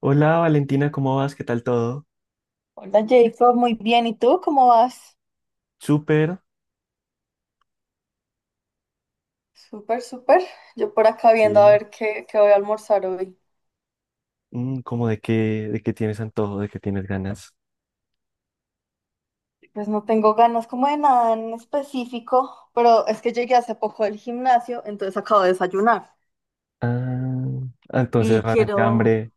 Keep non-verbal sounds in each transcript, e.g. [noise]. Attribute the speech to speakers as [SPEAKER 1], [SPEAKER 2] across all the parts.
[SPEAKER 1] Hola Valentina, ¿cómo vas? ¿Qué tal todo?
[SPEAKER 2] Hola Jacob, muy bien. ¿Y tú cómo vas?
[SPEAKER 1] Súper,
[SPEAKER 2] Súper, súper. Yo por acá viendo a
[SPEAKER 1] sí.
[SPEAKER 2] ver qué voy a almorzar hoy.
[SPEAKER 1] ¿Cómo de qué tienes antojo, de qué tienes ganas?
[SPEAKER 2] Pues no tengo ganas como de nada en específico, pero es que llegué hace poco del gimnasio, entonces acabo de desayunar.
[SPEAKER 1] Ah, entonces
[SPEAKER 2] Y
[SPEAKER 1] realmente
[SPEAKER 2] quiero,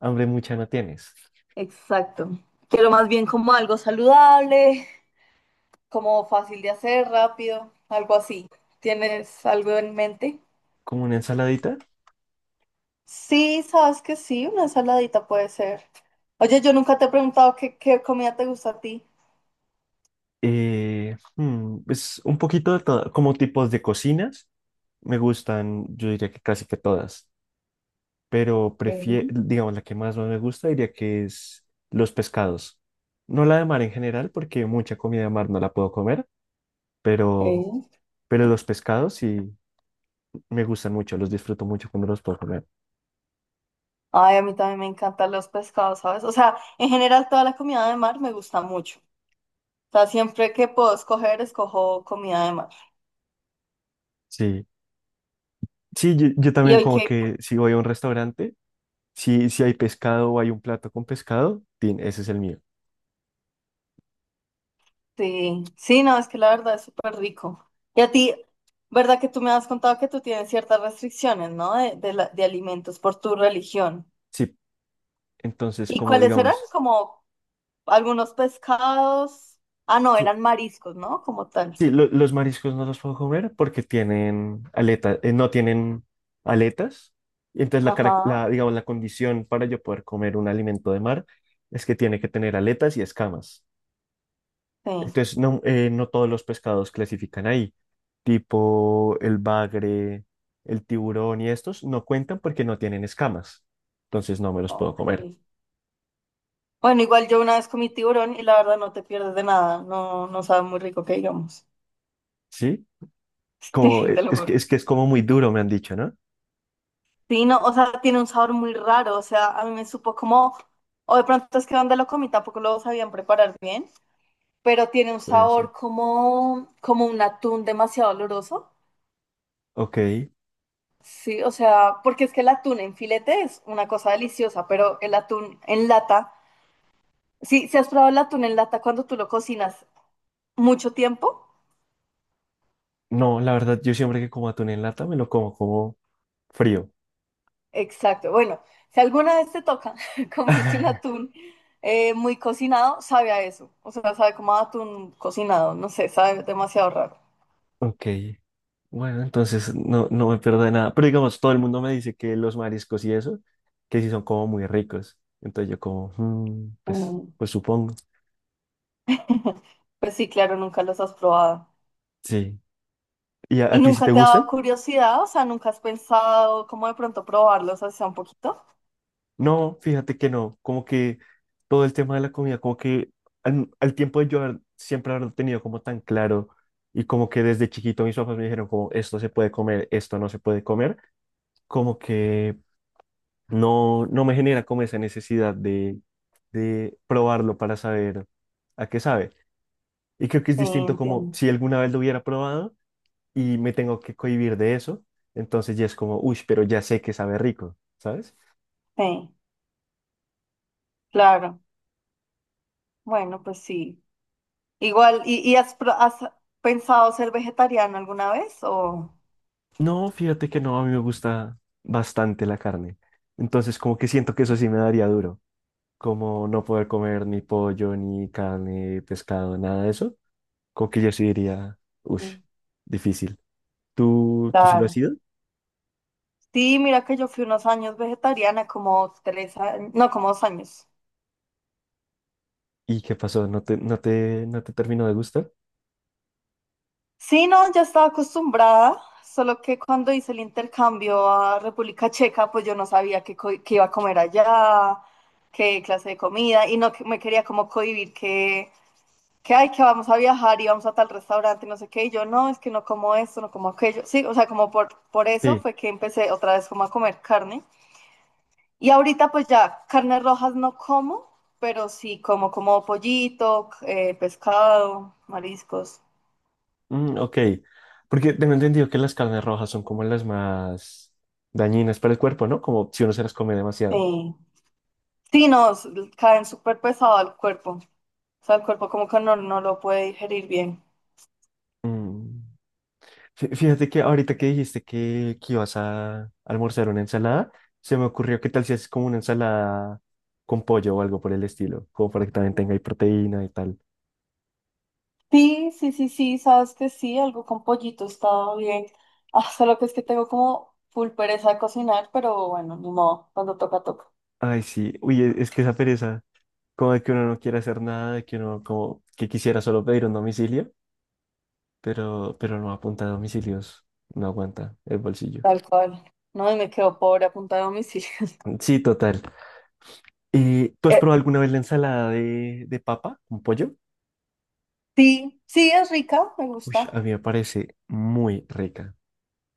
[SPEAKER 1] hambre mucha no tienes.
[SPEAKER 2] exacto, quiero más bien como algo saludable, como fácil de hacer, rápido, algo así. ¿Tienes algo en mente?
[SPEAKER 1] Como una ensaladita,
[SPEAKER 2] Sí, sabes que sí, una ensaladita puede ser. Oye, yo nunca te he preguntado qué comida te gusta a ti.
[SPEAKER 1] pues un poquito de todo, como tipos de cocinas, me gustan, yo diría que casi que todas, pero prefiero, digamos, la que más me gusta diría que es los pescados. No la de mar en general, porque mucha comida de mar no la puedo comer, pero,
[SPEAKER 2] Ok.
[SPEAKER 1] pero los pescados sí, me gustan mucho, los disfruto mucho cuando los puedo comer.
[SPEAKER 2] Ay, a mí también me encantan los pescados, ¿sabes? O sea, en general toda la comida de mar me gusta mucho. O sea, siempre que puedo escoger, escojo comida de mar.
[SPEAKER 1] Sí, sí, yo
[SPEAKER 2] Y
[SPEAKER 1] también
[SPEAKER 2] hoy
[SPEAKER 1] como
[SPEAKER 2] que,
[SPEAKER 1] que si voy a un restaurante, si hay pescado o hay un plato con pescado, tin, ese es el mío.
[SPEAKER 2] sí, sí, no, es que la verdad es súper rico. Y a ti, ¿verdad que tú me has contado que tú tienes ciertas restricciones, ¿no? De alimentos por tu religión.
[SPEAKER 1] Sí, entonces
[SPEAKER 2] ¿Y
[SPEAKER 1] como
[SPEAKER 2] cuáles eran?
[SPEAKER 1] digamos,
[SPEAKER 2] Como algunos pescados. Ah, no,
[SPEAKER 1] sí,
[SPEAKER 2] eran mariscos, ¿no? Como tal.
[SPEAKER 1] sí, los mariscos no los puedo comer porque tienen aletas, no tienen aletas. Y entonces
[SPEAKER 2] Ajá,
[SPEAKER 1] digamos, la condición para yo poder comer un alimento de mar es que tiene que tener aletas y escamas.
[SPEAKER 2] sí,
[SPEAKER 1] Entonces, no todos los pescados clasifican ahí, tipo el bagre, el tiburón y estos no cuentan porque no tienen escamas. Entonces, no me los puedo
[SPEAKER 2] ok.
[SPEAKER 1] comer,
[SPEAKER 2] Bueno, igual yo una vez comí tiburón y la verdad no te pierdes de nada, no, no sabe muy rico que digamos,
[SPEAKER 1] ¿sí?
[SPEAKER 2] [laughs]
[SPEAKER 1] Como,
[SPEAKER 2] sí, te lo juro.
[SPEAKER 1] es que es como muy duro, me han dicho, ¿no?
[SPEAKER 2] Sí, no, o sea, tiene un sabor muy raro, o sea, a mí me supo como, o de pronto es que donde lo comí tampoco lo sabían preparar bien, pero tiene un
[SPEAKER 1] Puede ser.
[SPEAKER 2] sabor como, como un atún demasiado oloroso,
[SPEAKER 1] Ok.
[SPEAKER 2] sí, o sea, porque es que el atún en filete es una cosa deliciosa, pero el atún en lata, sí, ¿si has probado el atún en lata cuando tú lo cocinas mucho tiempo?
[SPEAKER 1] No, la verdad, yo siempre que como atún en lata me lo como como frío.
[SPEAKER 2] Exacto. Bueno, si alguna vez te toca [laughs] comerte un
[SPEAKER 1] [laughs]
[SPEAKER 2] atún muy cocinado, sabe a eso. O sea, sabe como a atún cocinado. No sé, sabe demasiado raro.
[SPEAKER 1] Ok. Bueno, entonces no, no me pierdo de nada. Pero digamos, todo el mundo me dice que los mariscos y eso, que sí son como muy ricos. Entonces yo como, "Mm, pues,
[SPEAKER 2] Mm.
[SPEAKER 1] pues supongo".
[SPEAKER 2] [laughs] Pues sí, claro, nunca los has probado.
[SPEAKER 1] Sí. ¿Y
[SPEAKER 2] ¿Y
[SPEAKER 1] a ti sí
[SPEAKER 2] nunca
[SPEAKER 1] te
[SPEAKER 2] te ha
[SPEAKER 1] gusta?
[SPEAKER 2] dado curiosidad? O sea, ¿nunca has pensado cómo de pronto probarlos así sea un poquito?
[SPEAKER 1] No, fíjate que no. Como que todo el tema de la comida, como que al tiempo de yo siempre haberlo tenido como tan claro y como que desde chiquito mis papás me dijeron como esto se puede comer, esto no se puede comer, como que no, no me genera como esa necesidad de probarlo para saber a qué sabe. Y creo que es
[SPEAKER 2] Sí,
[SPEAKER 1] distinto como
[SPEAKER 2] entiendo.
[SPEAKER 1] si alguna vez lo hubiera probado y me tengo que cohibir de eso, entonces ya es como, uy, pero ya sé que sabe rico, ¿sabes?
[SPEAKER 2] Sí, claro. Bueno, pues sí. Igual, ¿y has pensado ser vegetariano alguna vez? O...
[SPEAKER 1] No, fíjate que no, a mí me gusta bastante la carne. Entonces, como que siento que eso sí me daría duro. Como no poder comer ni pollo, ni carne, pescado, nada de eso. Como que yo sí diría, uff,
[SPEAKER 2] Mm.
[SPEAKER 1] difícil. Tú sí lo has
[SPEAKER 2] Claro.
[SPEAKER 1] ido?
[SPEAKER 2] Sí, mira que yo fui unos años vegetariana, como 3 años, no, como 2 años.
[SPEAKER 1] ¿Y qué pasó? ¿No no te terminó de gustar?
[SPEAKER 2] Sí, no, ya estaba acostumbrada, solo que cuando hice el intercambio a República Checa, pues yo no sabía qué iba a comer allá, qué clase de comida, y no me quería como cohibir que, ay, que vamos a viajar y vamos a tal restaurante, no sé qué, y yo no, es que no como esto, no como aquello. Sí, o sea, como por eso
[SPEAKER 1] Sí.
[SPEAKER 2] fue que empecé otra vez como a comer carne. Y ahorita pues ya carnes rojas no como, pero sí como como pollito, pescado, mariscos.
[SPEAKER 1] Mm, ok. Porque tengo entendido que las carnes rojas son como las más dañinas para el cuerpo, ¿no? Como si uno se las come demasiado.
[SPEAKER 2] Sí, sí, nos caen súper pesado al cuerpo. O sea, el cuerpo como que no, no lo puede digerir bien.
[SPEAKER 1] Mm. Fíjate que ahorita que dijiste que ibas a almorzar una ensalada, se me ocurrió qué tal si haces como una ensalada con pollo o algo por el estilo, como para que también tenga ahí proteína y tal.
[SPEAKER 2] Sí, sí, sí, sí, sabes que sí, algo con pollito estaba bien. Ah, solo que es que tengo como full pereza de cocinar, pero bueno, ni modo, cuando toca, toca.
[SPEAKER 1] Ay, sí, uy, es que esa pereza, como de que uno no quiere hacer nada, de que uno como que quisiera solo pedir un domicilio, pero no apunta a domicilios, no aguanta el bolsillo.
[SPEAKER 2] Tal cual. No, y me quedo pobre a punta de homicidio. [laughs]
[SPEAKER 1] Sí, total. ¿Tú has
[SPEAKER 2] Eh,
[SPEAKER 1] probado alguna vez la ensalada de papa con pollo?
[SPEAKER 2] sí, sí, es rica, me
[SPEAKER 1] Uy,
[SPEAKER 2] gusta.
[SPEAKER 1] a mí me parece muy rica.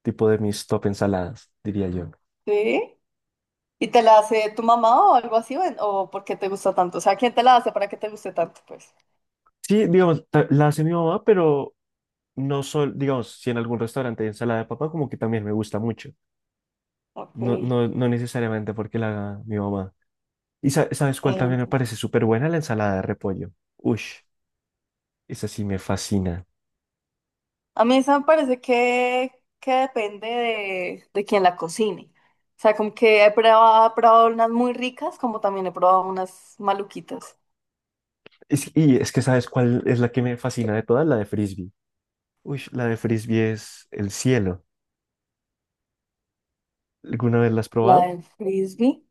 [SPEAKER 1] Tipo de mis top ensaladas, diría yo.
[SPEAKER 2] Sí. ¿Y te la hace tu mamá o algo así? ¿O, o por qué te gusta tanto? O sea, ¿quién te la hace para que te guste tanto? Pues,
[SPEAKER 1] Sí, digamos, la hace mi mamá, pero no sol, digamos, si en algún restaurante hay ensalada de papa, como que también me gusta mucho.
[SPEAKER 2] ok, sí,
[SPEAKER 1] No necesariamente porque la haga mi mamá. ¿Y sabes cuál también me
[SPEAKER 2] entiendo.
[SPEAKER 1] parece súper buena? La ensalada de repollo. Ush, esa sí me fascina.
[SPEAKER 2] A mí esa me parece que depende de quién la cocine. O sea, como que he probado unas muy ricas, como también he probado unas maluquitas.
[SPEAKER 1] Y es que sabes cuál es la que me fascina de todas, la de frisbee. Ush, la de frisbee es el cielo. ¿Alguna vez la has
[SPEAKER 2] La
[SPEAKER 1] probado?
[SPEAKER 2] del frisbee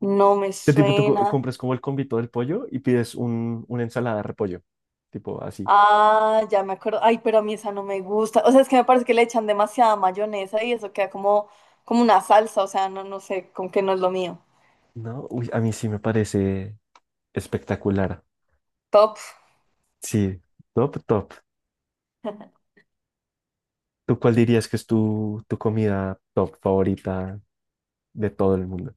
[SPEAKER 2] no me
[SPEAKER 1] ¿Qué tipo tú
[SPEAKER 2] suena.
[SPEAKER 1] compras como el convito del pollo y pides una ensalada de repollo? Tipo así.
[SPEAKER 2] Ah, ya me acuerdo. Ay, pero a mí esa no me gusta. O sea, es que me parece que le echan demasiada mayonesa y eso queda como, como una salsa. O sea, no, no sé, como que no es lo mío.
[SPEAKER 1] No, uy, a mí sí me parece espectacular.
[SPEAKER 2] Top.
[SPEAKER 1] Sí, top, top. ¿Tú cuál dirías que es tu comida top favorita de todo el mundo?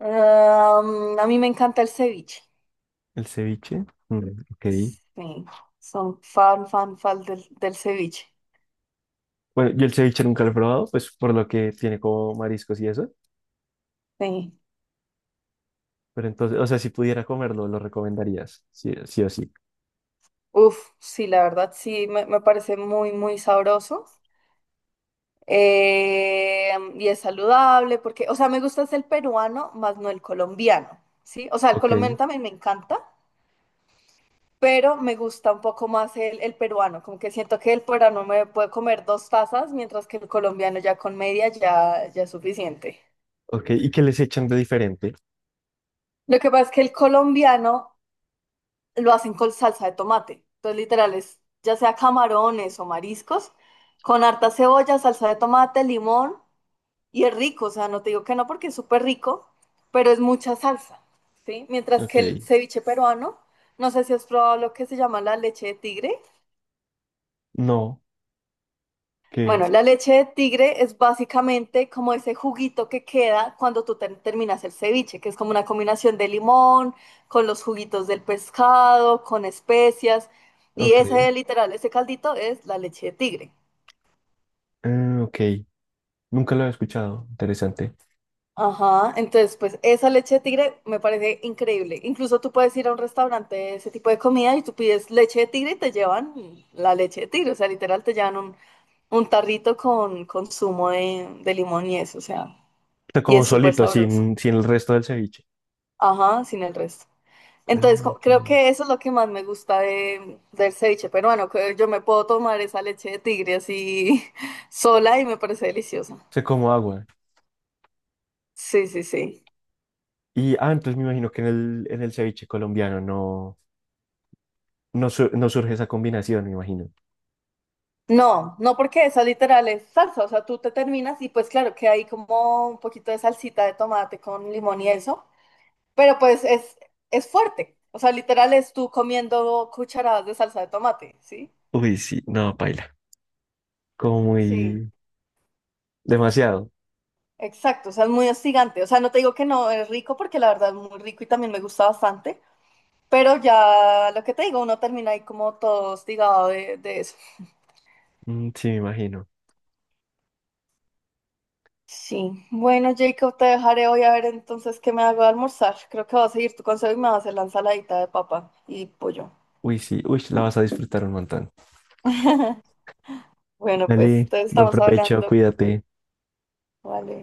[SPEAKER 2] Am, a mí me encanta el ceviche.
[SPEAKER 1] ¿El ceviche? Mm, ok.
[SPEAKER 2] Sí, son fan, fan, fan del ceviche.
[SPEAKER 1] Bueno, yo el ceviche nunca lo he probado, pues por lo que tiene como mariscos y eso.
[SPEAKER 2] Sí.
[SPEAKER 1] Pero entonces, o sea, si pudiera comerlo, lo recomendarías. Sí, sí o sí.
[SPEAKER 2] Uf, sí, la verdad, sí, me parece muy, muy sabroso. Y es saludable porque, o sea, me gusta es el peruano más no el colombiano, ¿sí? O sea, el
[SPEAKER 1] Ok,
[SPEAKER 2] colombiano también me encanta, pero me gusta un poco más el peruano, como que siento que el peruano me puede comer dos tazas, mientras que el colombiano ya con media ya, ya es suficiente.
[SPEAKER 1] ok. ¿Y qué les echan de diferente?
[SPEAKER 2] Lo que pasa es que el colombiano lo hacen con salsa de tomate. Entonces, literal, es ya sea camarones o mariscos, con harta cebolla, salsa de tomate, limón, y es rico, o sea, no te digo que no porque es súper rico, pero es mucha salsa, ¿sí? Mientras que el
[SPEAKER 1] Ok.
[SPEAKER 2] ceviche peruano, no sé si has probado lo que se llama la leche de tigre.
[SPEAKER 1] No, ¿qué
[SPEAKER 2] Bueno,
[SPEAKER 1] es?
[SPEAKER 2] la leche de tigre es básicamente como ese juguito que queda cuando tú terminas el ceviche, que es como una combinación de limón con los juguitos del pescado, con especias, y
[SPEAKER 1] Ok.
[SPEAKER 2] ese literal, ese caldito es la leche de tigre.
[SPEAKER 1] Ah, ok. Nunca lo he escuchado. Interesante.
[SPEAKER 2] Ajá, entonces pues esa leche de tigre me parece increíble. Incluso tú puedes ir a un restaurante de ese tipo de comida y tú pides leche de tigre y te llevan la leche de tigre, o sea, literal te llevan un tarrito con zumo de limón y eso, o sea,
[SPEAKER 1] Te
[SPEAKER 2] y
[SPEAKER 1] como
[SPEAKER 2] es súper
[SPEAKER 1] solito,
[SPEAKER 2] sabroso.
[SPEAKER 1] sin el resto del ceviche.
[SPEAKER 2] Ajá, sin el resto.
[SPEAKER 1] Ah,
[SPEAKER 2] Entonces,
[SPEAKER 1] ok.
[SPEAKER 2] creo que eso es lo que más me gusta del ceviche peruano, que yo me puedo tomar esa leche de tigre así [laughs] sola y me parece deliciosa.
[SPEAKER 1] Sé como agua.
[SPEAKER 2] Sí, sí, sí.
[SPEAKER 1] Y ah, entonces me imagino que en en el ceviche colombiano no surge esa combinación, me imagino.
[SPEAKER 2] No, no porque esa literal es salsa, o sea, tú te terminas y pues claro que hay como un poquito de salsita de tomate con limón y eso, pero pues es fuerte, o sea, literal es tú comiendo cucharadas de salsa de tomate, ¿sí?
[SPEAKER 1] Uy, sí, no, paila. Como
[SPEAKER 2] Sí.
[SPEAKER 1] muy demasiado.
[SPEAKER 2] Exacto, o sea, es muy hostigante. O sea, no te digo que no es rico porque la verdad es muy rico y también me gusta bastante, pero ya lo que te digo, uno termina ahí como todo hostigado de eso.
[SPEAKER 1] Mm, sí, me imagino.
[SPEAKER 2] Sí, bueno, Jacob, te dejaré hoy a ver entonces qué me hago de almorzar. Creo que voy a seguir tu consejo y me voy a hacer la ensaladita de papa y pollo.
[SPEAKER 1] Uy, sí, uy, la vas a disfrutar un montón.
[SPEAKER 2] [laughs] Bueno, pues,
[SPEAKER 1] Dale,
[SPEAKER 2] entonces
[SPEAKER 1] buen
[SPEAKER 2] estamos
[SPEAKER 1] provecho,
[SPEAKER 2] hablando.
[SPEAKER 1] cuídate.
[SPEAKER 2] Vale.